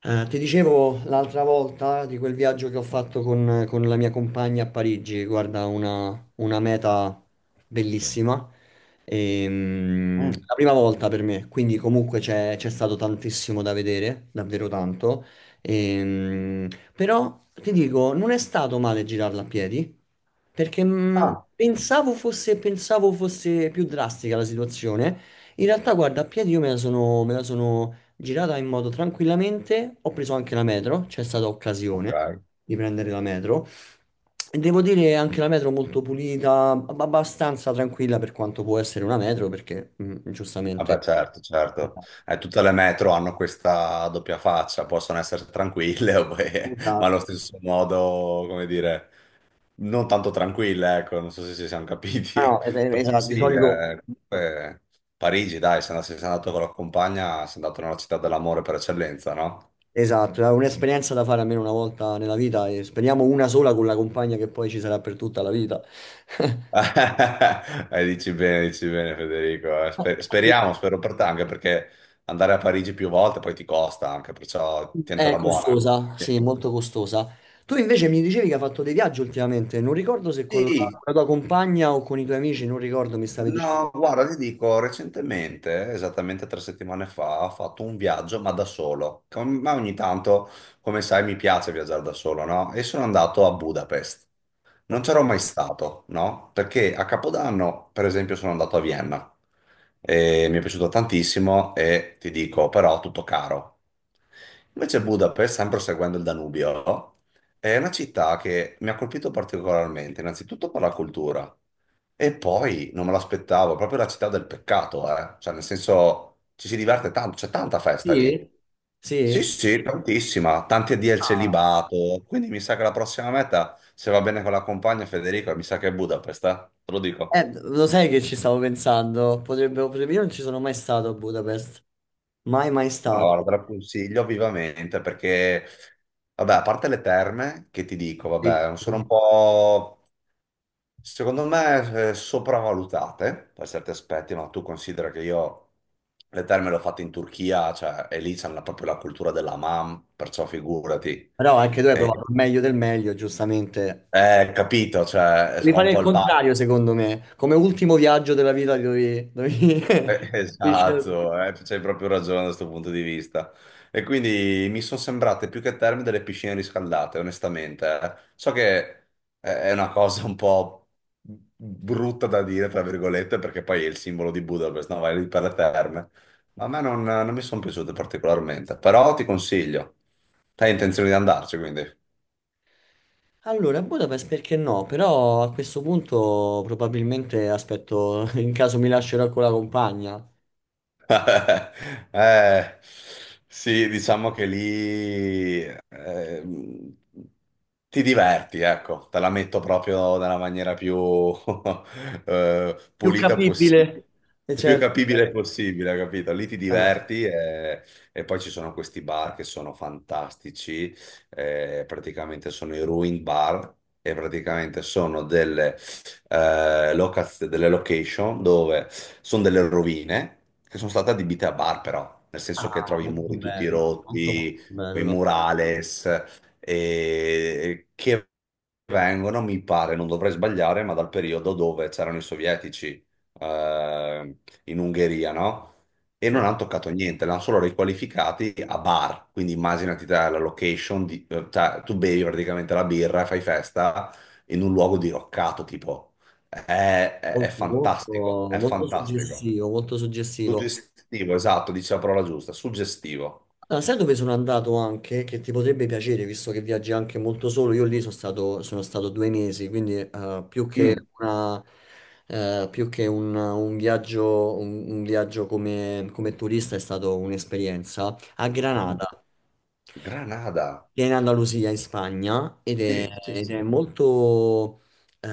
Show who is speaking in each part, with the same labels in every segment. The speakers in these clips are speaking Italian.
Speaker 1: Ti dicevo l'altra volta di quel viaggio che ho fatto con la mia compagna a Parigi, guarda, una meta bellissima.
Speaker 2: Mm.
Speaker 1: La prima volta per me, quindi comunque c'è stato tantissimo da vedere, davvero tanto. Ehm, Però ti dico, non è stato male girarla a piedi, perché
Speaker 2: Ah,
Speaker 1: pensavo fosse più drastica la situazione. In realtà, guarda, a piedi io me la sono girata in modo tranquillamente, ho preso anche la metro, c'è stata occasione
Speaker 2: ok.
Speaker 1: di prendere la metro e devo dire anche la metro molto pulita, abbastanza tranquilla per quanto può essere una metro perché
Speaker 2: Vabbè,
Speaker 1: giustamente.
Speaker 2: certo, certo. Tutte le metro hanno questa doppia faccia, possono essere tranquille, ma allo
Speaker 1: Esatto.
Speaker 2: stesso modo, come dire, non tanto tranquille, ecco, non so se ci siamo
Speaker 1: Ah,
Speaker 2: capiti.
Speaker 1: no, eh beh,
Speaker 2: Però
Speaker 1: esatto, di
Speaker 2: sì,
Speaker 1: solito
Speaker 2: comunque Parigi, dai, se sei andato con la compagna, sei andato nella città dell'amore per eccellenza, no?
Speaker 1: esatto, è un'esperienza da fare almeno una volta nella vita e speriamo una sola con la compagna che poi ci sarà per tutta la vita.
Speaker 2: Dici bene Federico. Eh. Speriamo, spero per te, anche perché andare a Parigi più volte poi ti costa anche, perciò
Speaker 1: È
Speaker 2: tientala buona.
Speaker 1: costosa, sì, molto costosa. Tu invece mi dicevi che hai fatto dei viaggi ultimamente, non ricordo se con la, con
Speaker 2: Sì.
Speaker 1: la tua compagna o con i tuoi amici, non ricordo, mi stavi dicendo.
Speaker 2: No, guarda, ti dico, recentemente, esattamente tre settimane fa, ho fatto un viaggio, ma da solo. Ma ogni tanto, come sai, mi piace viaggiare da solo, no? E sono andato a Budapest. Non
Speaker 1: Ok.
Speaker 2: c'ero mai stato, no? Perché a Capodanno, per esempio, sono andato a Vienna e mi è piaciuto tantissimo e ti dico, però, tutto caro. Invece Budapest, sempre seguendo il Danubio, è una città che mi ha colpito particolarmente, innanzitutto per la cultura. E poi non me l'aspettavo, proprio la città del peccato, eh. Cioè, nel senso, ci si diverte tanto, c'è tanta festa lì.
Speaker 1: Sì?
Speaker 2: Sì,
Speaker 1: Sì?
Speaker 2: sì, tantissima, tanti addio al
Speaker 1: Ah.
Speaker 2: celibato. Quindi mi sa che la prossima meta, se va bene con la compagna Federico, mi sa che è Budapest, eh. Te lo dico.
Speaker 1: Lo sai che ci stavo pensando, io non ci sono mai stato a Budapest, mai mai
Speaker 2: Ma
Speaker 1: stato.
Speaker 2: guarda, te la consiglio vivamente perché, vabbè, a parte le terme, che ti dico,
Speaker 1: Sì,
Speaker 2: vabbè, sono un
Speaker 1: sì.
Speaker 2: po'. Secondo me sopravvalutate per certi aspetti, ma tu considera che io le terme le ho fatte in Turchia, cioè, e lì proprio la cultura della mam, perciò figurati.
Speaker 1: Però anche tu hai
Speaker 2: Eh,
Speaker 1: provato il meglio del meglio, giustamente.
Speaker 2: capito, cioè,
Speaker 1: Devi
Speaker 2: ho un
Speaker 1: fare il
Speaker 2: po' il bar.
Speaker 1: contrario, secondo me, come ultimo viaggio della vita dovevi scegliere.
Speaker 2: Esatto, c'hai proprio ragione da questo punto di vista. E quindi mi sono sembrate più che terme delle piscine riscaldate, onestamente. Eh. So che è una cosa un po' brutta da dire, tra virgolette, perché poi è il simbolo di Budapest, no? Vai lì per le terme. Ma a me non mi sono piaciute particolarmente, però ti consiglio. Hai intenzione di andarci, quindi.
Speaker 1: Allora, Budapest perché no? Però a questo punto probabilmente aspetto, in caso mi lascerò con la compagna.
Speaker 2: Eh, sì, diciamo che lì ehm, ti diverti, ecco, te la metto proprio nella maniera più
Speaker 1: Più
Speaker 2: pulita possibile,
Speaker 1: capibile. E
Speaker 2: più
Speaker 1: certo,
Speaker 2: capibile possibile, capito? Lì ti
Speaker 1: ah.
Speaker 2: diverti e poi ci sono questi bar che sono fantastici, praticamente sono i ruin bar e praticamente sono delle delle location dove sono delle rovine che sono state adibite a bar, però, nel senso che
Speaker 1: Ah,
Speaker 2: trovi i
Speaker 1: molto
Speaker 2: muri tutti
Speaker 1: bello, molto
Speaker 2: rotti,
Speaker 1: molto
Speaker 2: quei
Speaker 1: bello.
Speaker 2: murales, e che vengono, mi pare, non dovrei sbagliare, ma dal periodo dove c'erano i sovietici eh, in Ungheria, no? E non hanno toccato niente, l'hanno solo riqualificati a bar. Quindi immaginati te la location, cioè tu bevi praticamente la birra, fai festa in un luogo diroccato, tipo. È, è
Speaker 1: Molto, molto,
Speaker 2: fantastico, è
Speaker 1: molto
Speaker 2: fantastico.
Speaker 1: suggestivo, molto suggestivo.
Speaker 2: Suggestivo, esatto, dice la parola giusta, suggestivo.
Speaker 1: Ah, sai dove sono andato anche? Che ti potrebbe piacere, visto che viaggi anche molto solo. Io lì sono stato 2 mesi, quindi
Speaker 2: Mm.
Speaker 1: più che un viaggio come turista è stato un'esperienza a
Speaker 2: Mhm.
Speaker 1: Granada.
Speaker 2: Granada.
Speaker 1: Viene in Andalusia in Spagna ed è,
Speaker 2: Sì, sì,
Speaker 1: ed
Speaker 2: sì.
Speaker 1: è eh,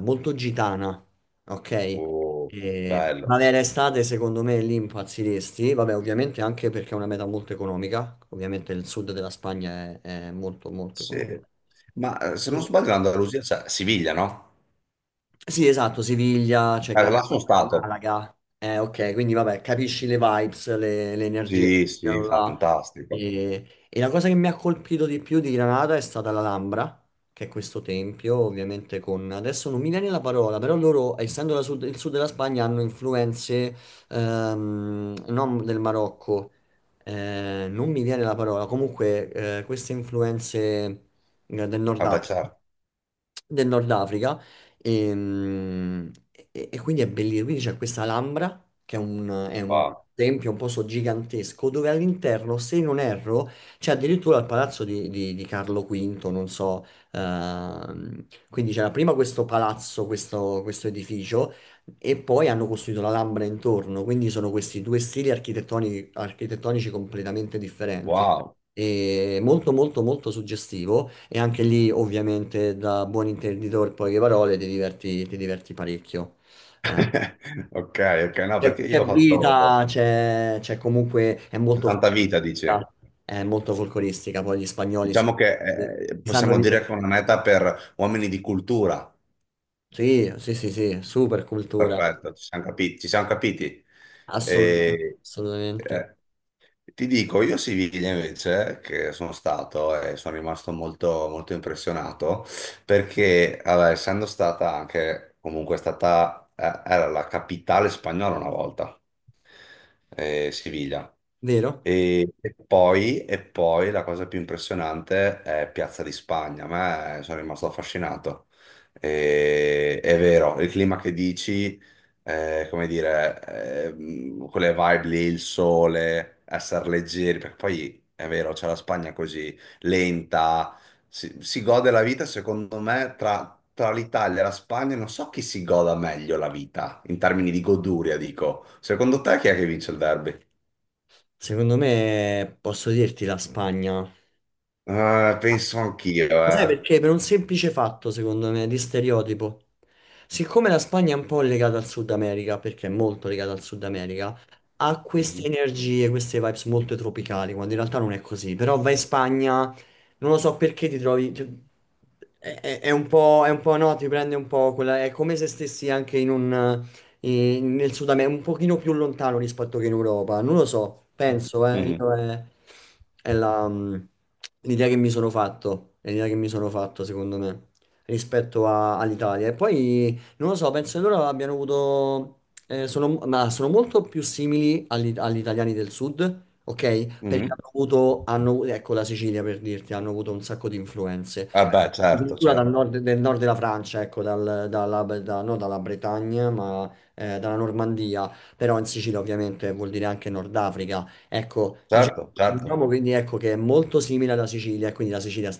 Speaker 1: molto gitana, ok?
Speaker 2: Oh,
Speaker 1: E
Speaker 2: bello.
Speaker 1: primavera e estate secondo me lì impazziresti, vabbè ovviamente anche perché è una meta molto economica, ovviamente il sud della Spagna è molto molto
Speaker 2: Sì.
Speaker 1: economico.
Speaker 2: Ma se non sbaglio l'Andalusia c'è Siviglia, no?
Speaker 1: Sì, esatto, Siviglia, c'è Granata,
Speaker 2: Là sono stato.
Speaker 1: Malaga. Ok, quindi vabbè, capisci le vibes, le energie che
Speaker 2: Sì, sì,
Speaker 1: c'erano là.
Speaker 2: fantastico.
Speaker 1: E la cosa che mi ha colpito di più di Granada è stata l'Alhambra, che è questo tempio, ovviamente. Adesso non mi viene la parola, però loro, essendo il sud della Spagna, hanno influenze non del Marocco, non mi viene la parola, comunque queste influenze eh, del Nord
Speaker 2: Vabbè,
Speaker 1: Africa
Speaker 2: certo.
Speaker 1: del Nord Africa e, e quindi è bellissimo. Quindi c'è questa Alhambra, che è un
Speaker 2: Wow.
Speaker 1: tempio, un posto gigantesco, dove all'interno, se non erro, c'è addirittura il palazzo di Carlo V, non so. Quindi c'era prima questo palazzo, questo edificio, e poi hanno costruito la l'Alhambra intorno. Quindi sono questi due stili architettonici completamente differenti.
Speaker 2: Wow.
Speaker 1: E molto, molto, molto suggestivo. E anche lì, ovviamente, da buon intenditore, poche parole, ti diverti parecchio. Eh,
Speaker 2: Ok, ok, no,
Speaker 1: c'è
Speaker 2: perché io
Speaker 1: c'è
Speaker 2: ho
Speaker 1: vita,
Speaker 2: fatto
Speaker 1: c'è comunque,
Speaker 2: 70 vita, dici.
Speaker 1: è molto folcloristica, poi gli spagnoli si,
Speaker 2: Diciamo
Speaker 1: si
Speaker 2: che
Speaker 1: sanno
Speaker 2: possiamo dire che
Speaker 1: divertire.
Speaker 2: è una meta per uomini di cultura.
Speaker 1: Sì, sì, sì, sì, super cultura,
Speaker 2: Perfetto, ci siamo capiti. Ci siamo capiti.
Speaker 1: assolutamente,
Speaker 2: E,
Speaker 1: assolutamente.
Speaker 2: eh, ti dico, io a Siviglia invece, che sono stato e sono rimasto molto, molto impressionato, perché vabbè, essendo stata anche, comunque è stata, era la capitale spagnola una volta Siviglia.
Speaker 1: Vero?
Speaker 2: E poi la cosa più impressionante è Piazza di Spagna. A me sono rimasto affascinato. È vero, il clima che dici, come dire, quelle vibe lì, il sole, essere leggeri, perché poi è vero, c'è la Spagna così lenta si, si gode la vita, secondo me, tra l'Italia e la Spagna, non so chi si goda meglio la vita, in termini di goduria, dico. Secondo te chi è che vince il derby?
Speaker 1: Secondo me posso dirti la Spagna.
Speaker 2: Penso anch'io,
Speaker 1: Ma sai
Speaker 2: eh.
Speaker 1: perché? Per un semplice fatto, secondo me, di stereotipo. Siccome la Spagna è un po' legata al Sud America, perché è molto legata al Sud America, ha queste
Speaker 2: Mhm.
Speaker 1: energie, queste vibes molto tropicali, quando in realtà non è così. Però vai in Spagna, non lo so perché ti trovi... ti- È, è- è un po', no, ti prende un po' quella. È come se stessi anche nel Sud America, un pochino più lontano rispetto che in Europa. Non lo so, penso,
Speaker 2: Mhm.
Speaker 1: io è la, l'idea che mi sono fatto, è l'idea che mi sono fatto, secondo me, rispetto all'Italia. E poi, non lo so, penso che loro abbiano avuto, ma sono molto più simili agli italiani del Sud. Ok, perché
Speaker 2: Mhm.
Speaker 1: hanno avuto, hanno, ecco la Sicilia per dirti, hanno avuto un sacco di influenze.
Speaker 2: Ah, beh, certo,
Speaker 1: Addirittura
Speaker 2: certo,
Speaker 1: del nord della Francia, ecco, non dalla Bretagna, ma dalla Normandia, però in Sicilia ovviamente vuol dire anche Nord Africa. Ecco, diciamo,
Speaker 2: certo, certo.
Speaker 1: diciamo quindi ecco che è molto simile alla Sicilia, e quindi la Sicilia,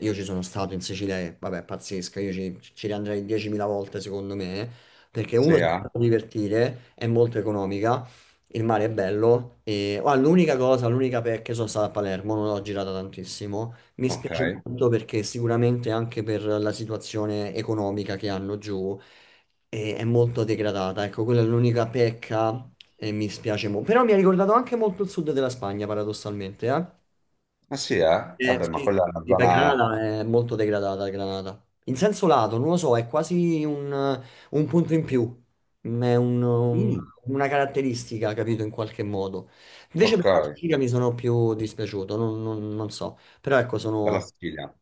Speaker 1: io ci sono stato in Sicilia, e, vabbè, è pazzesca, io ci riandrei 10.000 volte secondo me, perché
Speaker 2: Sì,
Speaker 1: uno si fa
Speaker 2: eh?
Speaker 1: divertire, è molto economica, il mare è bello, e ah, l'unica cosa, l'unica pecca, sono stato a Palermo, non l'ho girata tantissimo. Mi
Speaker 2: Ok.
Speaker 1: spiace molto perché sicuramente anche per la situazione economica che hanno giù è molto degradata. Ecco, quella è l'unica pecca e mi spiace molto. Però mi ha ricordato anche molto il sud della Spagna, paradossalmente. Eh?
Speaker 2: Ah sì, eh? Vabbè, ma
Speaker 1: Sì,
Speaker 2: quella è una
Speaker 1: sì, per
Speaker 2: zona...
Speaker 1: Granada è molto degradata, Granada. In senso lato, non lo so, è quasi un punto in più. Mm, È un- un-
Speaker 2: Mm,
Speaker 1: una caratteristica, capito, in qualche modo. Invece per
Speaker 2: ok,
Speaker 1: la Sicilia mi sono più dispiaciuto, non so. Però ecco,
Speaker 2: per la
Speaker 1: sono.
Speaker 2: Sicilia.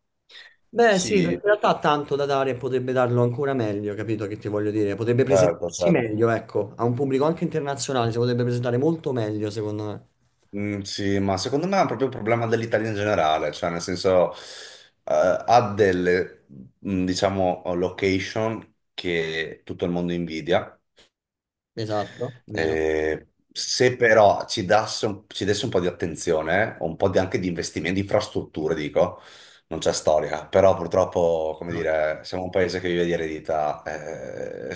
Speaker 1: Beh, sì, perché
Speaker 2: Sì,
Speaker 1: in realtà ha tanto da dare e potrebbe darlo ancora meglio, capito che ti voglio dire? Potrebbe
Speaker 2: certo,
Speaker 1: presentarsi
Speaker 2: certo.
Speaker 1: meglio, ecco, a un pubblico anche internazionale, si potrebbe presentare molto meglio, secondo me.
Speaker 2: Mm, sì, ma secondo me è proprio un problema dell'Italia in generale, cioè nel senso ha delle, mm, diciamo, location che tutto il mondo invidia.
Speaker 1: Esatto, vero?
Speaker 2: Eh, se però ci desse un po' di attenzione, o un po' anche di investimenti, di infrastrutture, dico, non c'è storia, però purtroppo, come
Speaker 1: No.
Speaker 2: dire, siamo un paese che vive di eredità,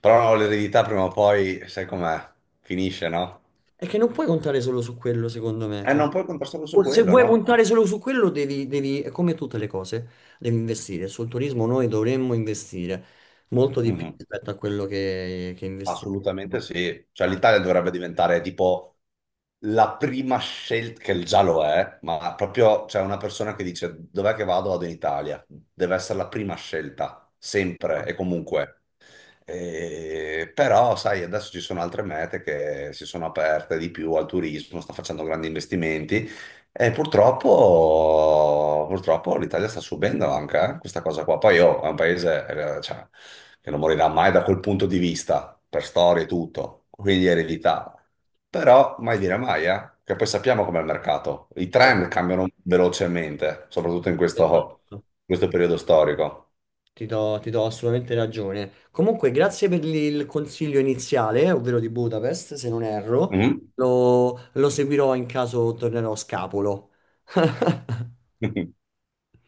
Speaker 2: però l'eredità prima o poi, sai com'è, finisce, no?
Speaker 1: È che non puoi contare solo su quello, secondo me,
Speaker 2: E non
Speaker 1: capito?
Speaker 2: puoi contrastare su
Speaker 1: O se
Speaker 2: quello,
Speaker 1: vuoi
Speaker 2: no?
Speaker 1: puntare solo su quello, devi, è come tutte le cose, devi investire. Sul turismo noi dovremmo investire molto di più
Speaker 2: Mhm.
Speaker 1: rispetto a quello che investiamo.
Speaker 2: Assolutamente sì, cioè l'Italia dovrebbe diventare tipo la prima scelta, che già lo è, ma proprio c'è una persona che dice dov'è che vado? Vado in Italia, deve essere la prima scelta, sempre e comunque. Però, sai, adesso ci sono altre mete che si sono aperte di più al turismo, sta facendo grandi investimenti e purtroppo l'Italia sta subendo anche questa cosa qua. Poi, oh, è un paese, cioè, che non morirà mai da quel punto di vista, per storia e tutto, quindi eredità. Però mai dire mai, che poi sappiamo com'è il mercato. I trend cambiano velocemente, soprattutto in questo,
Speaker 1: Esatto.
Speaker 2: questo periodo storico.
Speaker 1: Ti do assolutamente ragione. Comunque, grazie per il consiglio iniziale, ovvero di Budapest, se non erro.
Speaker 2: Mhm.
Speaker 1: Lo seguirò in caso tornerò scapolo.